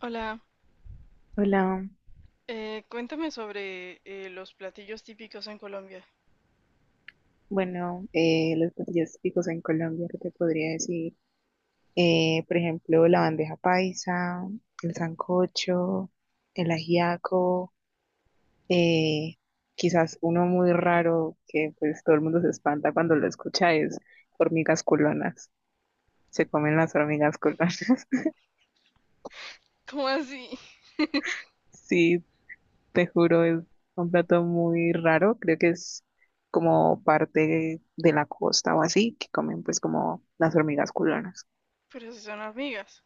Hola, Hola, cuéntame sobre los platillos típicos en Colombia. bueno, los platillos típicos en Colombia, ¿qué te podría decir? Por ejemplo, la bandeja paisa, el sancocho, el ajiaco, eh, quizás uno muy raro que pues todo el mundo se espanta cuando lo escucha es hormigas culonas. Se comen las hormigas culonas. ¿Cómo así? Sí, te juro, es un plato muy raro. Creo que es como parte de la costa o así, que comen pues como las hormigas culonas. Pero si son hormigas.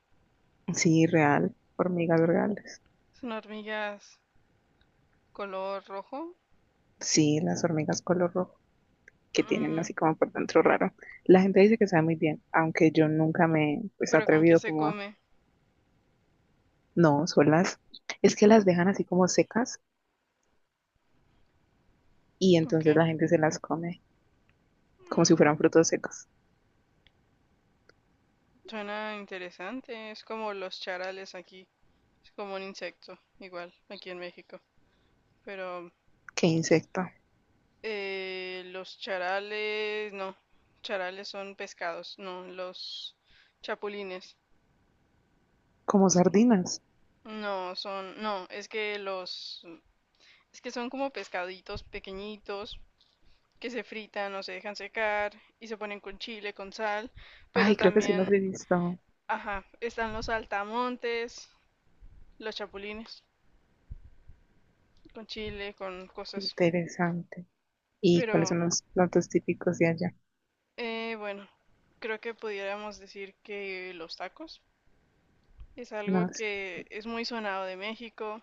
Sí, real, hormigas vergales. Son hormigas color rojo. Sí, las hormigas color rojo que tienen Mm. así como por dentro raro. La gente dice que sabe muy bien, aunque yo nunca me pues he Pero, ¿con qué atrevido se como a... come? No, son las... Es que las dejan así como secas y Ok. entonces la gente se las come como si Mm, fueran frutos secos. Suena interesante. Es como los charales aquí. Es como un insecto, igual, aquí en México. Pero Qué insecto. Los charales, no. Charales son pescados, no. Los chapulines. Como sardinas. No, son, no, es que son como pescaditos pequeñitos que se fritan o se dejan secar y se ponen con chile, con sal, pero Ay, creo que sí las también, he visto. ajá, están los saltamontes, los chapulines, con chile, con cosas. Interesante. ¿Y cuáles Pero, son los platos típicos de allá? Bueno, creo que pudiéramos decir que los tacos es No algo sé. que es muy sonado de México.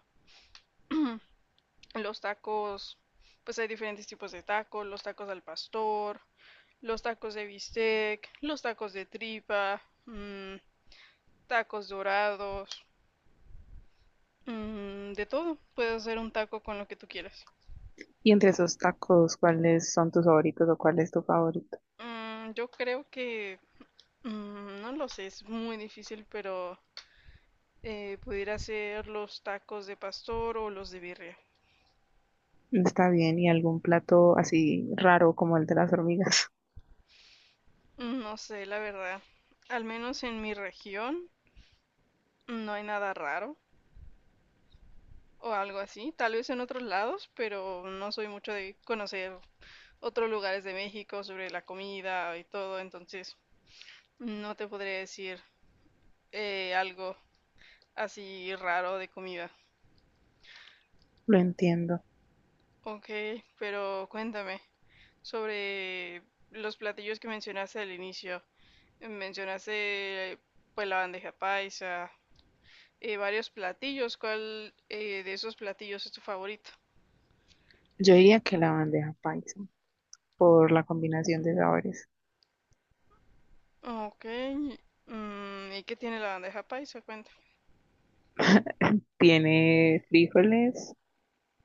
Los tacos, pues hay diferentes tipos de tacos, los tacos al pastor, los tacos de bistec, los tacos de tripa, tacos dorados, de todo. Puedes hacer un taco con lo que tú quieras. Y entre esos tacos, ¿cuáles son tus favoritos o cuál es tu favorito? Yo creo que, no lo sé, es muy difícil, pero pudiera hacer los tacos de pastor o los de birria. Está bien, y algún plato así raro como el de las hormigas. No sé, la verdad. Al menos en mi región no hay nada raro o algo así. Tal vez en otros lados, pero no soy mucho de conocer otros lugares de México sobre la comida y todo, entonces no te podría decir algo así raro de comida. Lo entiendo. Ok, pero cuéntame sobre los platillos que mencionaste al inicio. Mencionaste pues la bandeja paisa, varios platillos. ¿Cuál de esos platillos es tu favorito? Yo diría que la bandeja paisa, por la combinación de sabores. Ok. ¿Y qué tiene la bandeja paisa? Cuéntame. Tiene frijoles,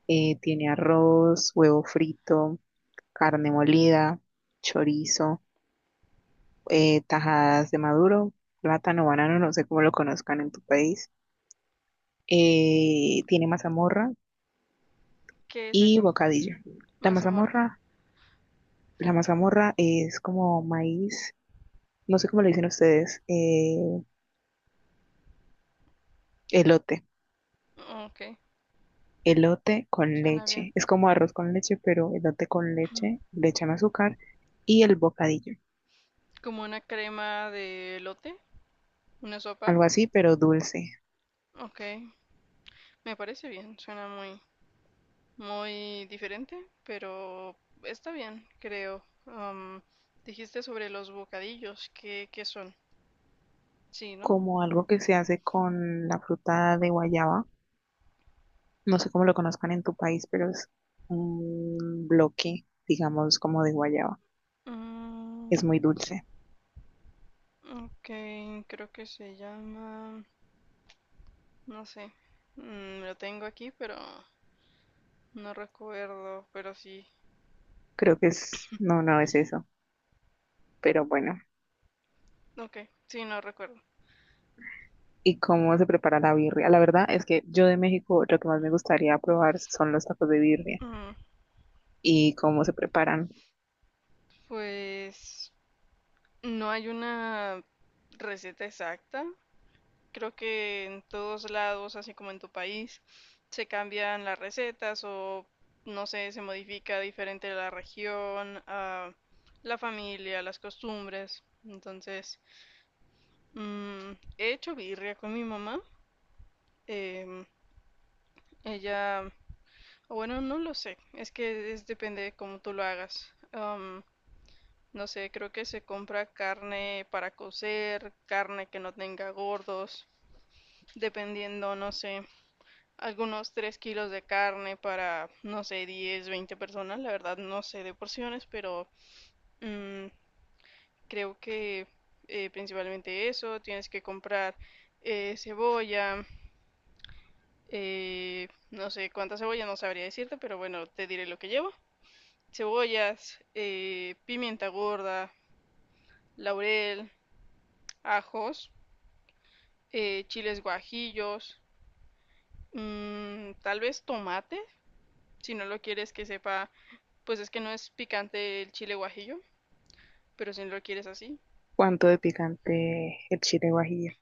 tiene arroz, huevo frito, carne molida, chorizo, tajadas de maduro, plátano, banano, no sé cómo lo conozcan en tu país. Tiene mazamorra ¿Qué es y eso? bocadillo. La Mazamorra. mazamorra, la mazamorra es como maíz, no sé cómo le dicen ustedes, elote, Ok, elote con suena bien. leche. Es como arroz con leche, pero elote con leche, le echan azúcar y el bocadillo. Como una crema de lote, una sopa. Algo así, pero dulce. Ok, me parece bien, suena muy, muy diferente, pero está bien, creo. Dijiste sobre los bocadillos, ¿qué son? Sí, ¿no? Como algo que se hace con la fruta de guayaba. No sé cómo lo conozcan en tu país, pero es un bloque, digamos, como de guayaba. Mm, Es muy dulce. ok, creo que se llama, no sé. Lo tengo aquí, pero no recuerdo, pero sí. Creo que es, no, no es eso, pero bueno. Ok, sí, no recuerdo. ¿Y cómo se prepara la birria? La verdad es que yo de México lo que más me gustaría probar son los tacos de birria Mm, y cómo se preparan. pues no hay una receta exacta. Creo que en todos lados, así como en tu país, se cambian las recetas o no sé, se modifica diferente la región, la familia, las costumbres. Entonces, mm, he hecho birria con mi mamá. em, Ella, o bueno, no lo sé, es que es, depende de cómo tú lo hagas. No sé, creo que se compra carne para cocer, carne que no tenga gordos, dependiendo, no sé, algunos 3 kilos de carne para, no sé, 10 20 personas. La verdad no sé de porciones, pero mm, creo que principalmente eso. Tienes que comprar cebolla, no sé cuánta cebolla, no sabría decirte, pero bueno, te diré lo que llevo. Cebollas, pimienta gorda, laurel, ajos, chiles guajillos, tal vez tomate, si no lo quieres que sepa, pues es que no es picante el chile guajillo, pero si no lo quieres así. ¿Cuánto de picante el chile guajillo?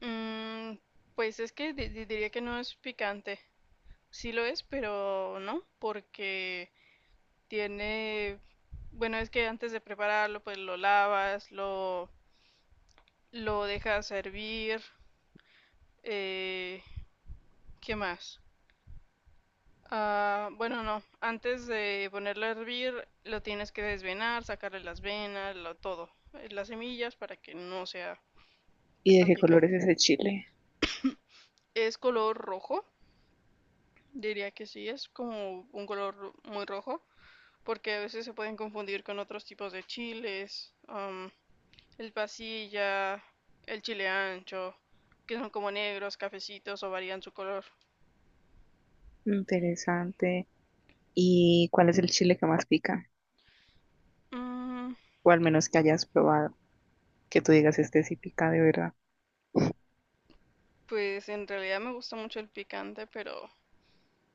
Mm, pues es que diría que no es picante. Sí lo es, pero no, porque tiene. Bueno, es que antes de prepararlo, pues lo lavas, lo dejas hervir. Eh, ¿Qué más? Ah, bueno, no. Antes de ponerlo a hervir, lo tienes que desvenar, sacarle las venas, todo. Las semillas para que no sea pues, ¿Y de tan qué color picante. es ese chile? Es color rojo. Diría que sí, es como un color muy rojo, porque a veces se pueden confundir con otros tipos de chiles, el pasilla, el chile ancho, que son como negros, cafecitos o varían su color. Interesante. ¿Y cuál es el chile que más pica? Mm, O al menos que hayas probado, que tú digas este sí pica de verdad. pues en realidad me gusta mucho el picante, pero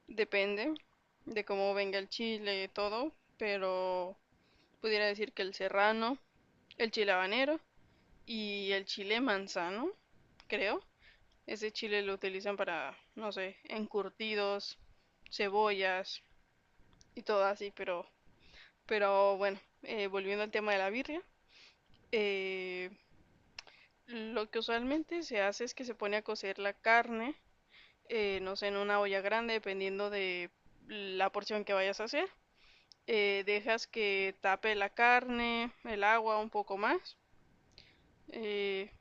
depende de cómo venga el chile y todo, pero pudiera decir que el serrano, el chile habanero y el chile manzano, creo. Ese chile lo utilizan para, no sé, encurtidos, cebollas y todo así, pero, bueno, volviendo al tema de la birria, eh, lo que usualmente se hace es que se pone a cocer la carne, no sé, en una olla grande, dependiendo de la porción que vayas a hacer. Dejas que tape la carne, el agua un poco más. Eh,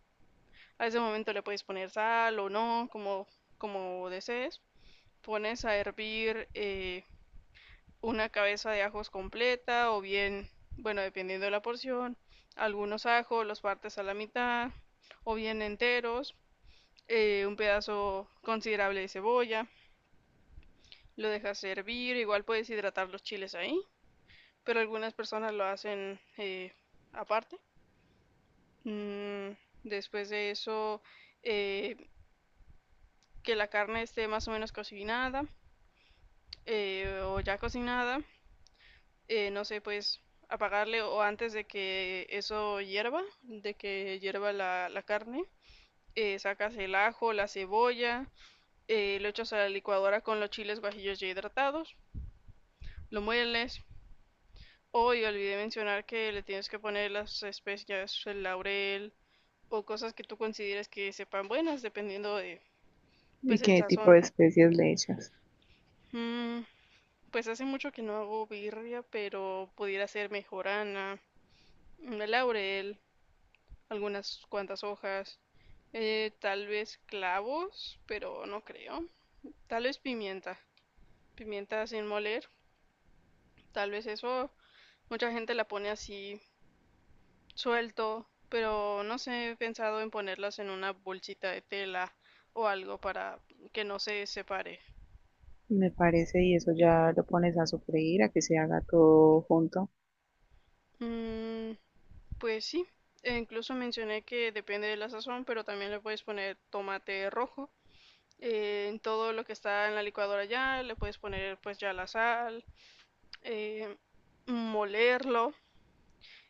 a ese momento le puedes poner sal o no, como desees. Pones a hervir una cabeza de ajos completa o bien, bueno, dependiendo de la porción, algunos ajos, los partes a la mitad o bien enteros, un pedazo considerable de cebolla, lo dejas hervir, igual puedes hidratar los chiles ahí, pero algunas personas lo hacen aparte. Mm, Después de eso, eh, que la carne esté más o menos cocinada o ya cocinada, no sé, pues apagarle o antes de que eso hierva, de que hierva la carne, sacas el ajo, la cebolla, lo echas a la licuadora con los chiles guajillos ya hidratados, lo mueles. Hoy olvidé mencionar que le tienes que poner las especias, el laurel o cosas que tú consideres que sepan buenas, dependiendo de ¿Y pues el qué tipo sazón. de especias le echas? Mm, pues hace mucho que no hago birria, pero pudiera ser mejorana, el laurel, algunas cuantas hojas, tal vez clavos, pero no creo. Tal vez pimienta, pimienta sin moler, tal vez eso. Mucha gente la pone así suelto, pero no sé, he pensado en ponerlas en una bolsita de tela o algo para que no se separe. Me parece, y eso ya lo pones a sofreír, a que se haga todo junto. Mm, pues sí, e incluso mencioné que depende de la sazón, pero también le puedes poner tomate rojo. En todo lo que está en la licuadora ya, le puedes poner pues ya la sal, eh, molerlo.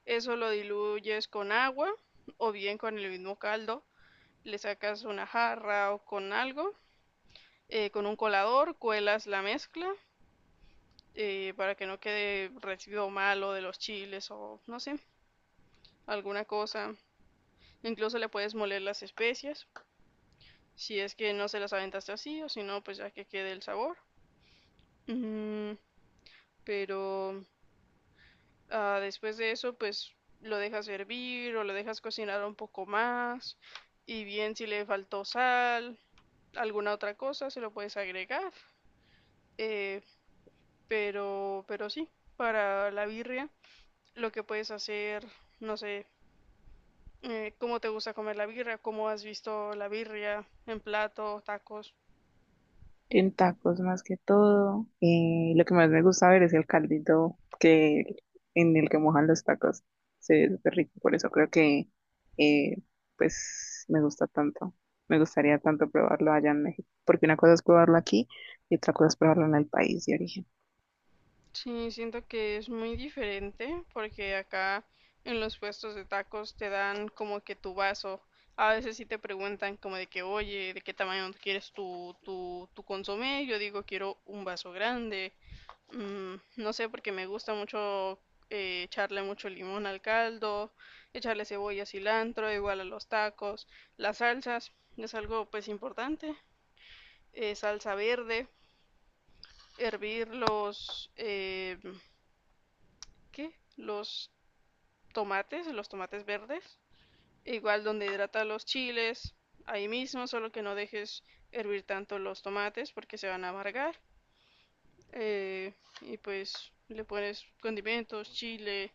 Eso lo diluyes con agua o bien con el mismo caldo, le sacas una jarra o con algo, con un colador cuelas la mezcla para que no quede residuo malo de los chiles o no sé, alguna cosa. Incluso le puedes moler las especias, si es que no se las aventaste así o si no, pues ya que quede el sabor. Mm, pero, después de eso, pues lo dejas hervir o lo dejas cocinar un poco más. Y bien, si le faltó sal, alguna otra cosa, se lo puedes agregar. Eh, pero, sí, para la birria, lo que puedes hacer, no sé, cómo te gusta comer la birria, cómo has visto la birria en plato, tacos. En tacos más que todo. Lo que más me gusta ver es el caldito que en el que mojan los tacos. Se ve súper rico, por eso creo que eh, pues me gusta tanto. Me gustaría tanto probarlo allá en México, porque una cosa es probarlo aquí y otra cosa es probarlo en el país de origen. Sí, siento que es muy diferente porque acá en los puestos de tacos te dan como que tu vaso. A veces sí te preguntan como de que, oye, ¿de qué tamaño quieres tu consomé? Yo digo, quiero un vaso grande. No sé, porque me gusta mucho echarle mucho limón al caldo, echarle cebolla, cilantro, igual a los tacos. Las salsas es algo pues importante. Salsa verde, hervir los, ¿qué? Los tomates verdes. Igual donde hidrata los chiles, ahí mismo, solo que no dejes hervir tanto los tomates porque se van a amargar. Eh, y pues le pones condimentos, chile,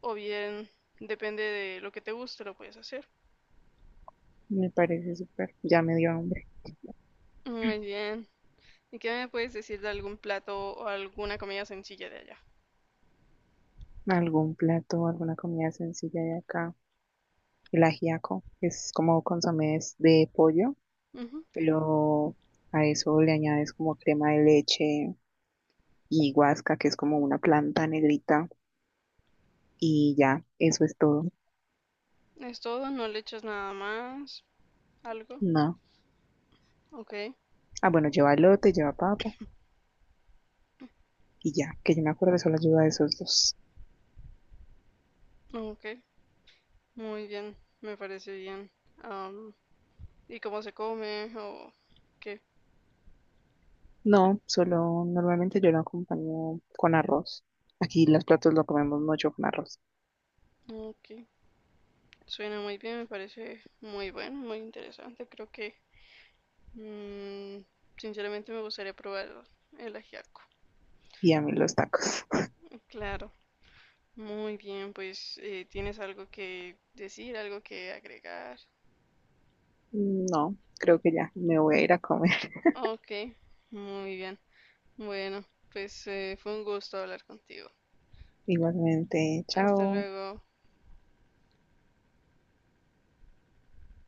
o bien, depende de lo que te guste, lo puedes hacer. Me parece súper, ya me dio hambre. Muy bien. ¿Y qué me puedes decir de algún plato o alguna comida sencilla de allá? Algún plato, alguna comida sencilla de acá. El ajiaco es como consomés de pollo, Ujú. pero a eso le añades como crema de leche y guasca, que es como una planta negrita, y ya, eso es todo. Es todo, no le echas nada más, algo. No. Ok, Ah, bueno, lleva elote, lleva papa, y ya, que yo me acuerdo solo lleva esos dos. ok, muy bien, me parece bien. Am, ¿Y cómo se come o qué? No, solo normalmente yo lo acompaño con arroz. Aquí los platos lo comemos mucho con arroz. Ok, suena muy bien, me parece muy bueno, muy interesante. Creo que mm, sinceramente me gustaría probar el ajiaco. Y a mí los tacos. Claro, muy bien. Pues ¿tienes algo que decir, algo que agregar? No, creo que ya, me voy a ir a comer. Ok, muy bien. Bueno, pues fue un gusto hablar contigo. Igualmente, Hasta chao. luego.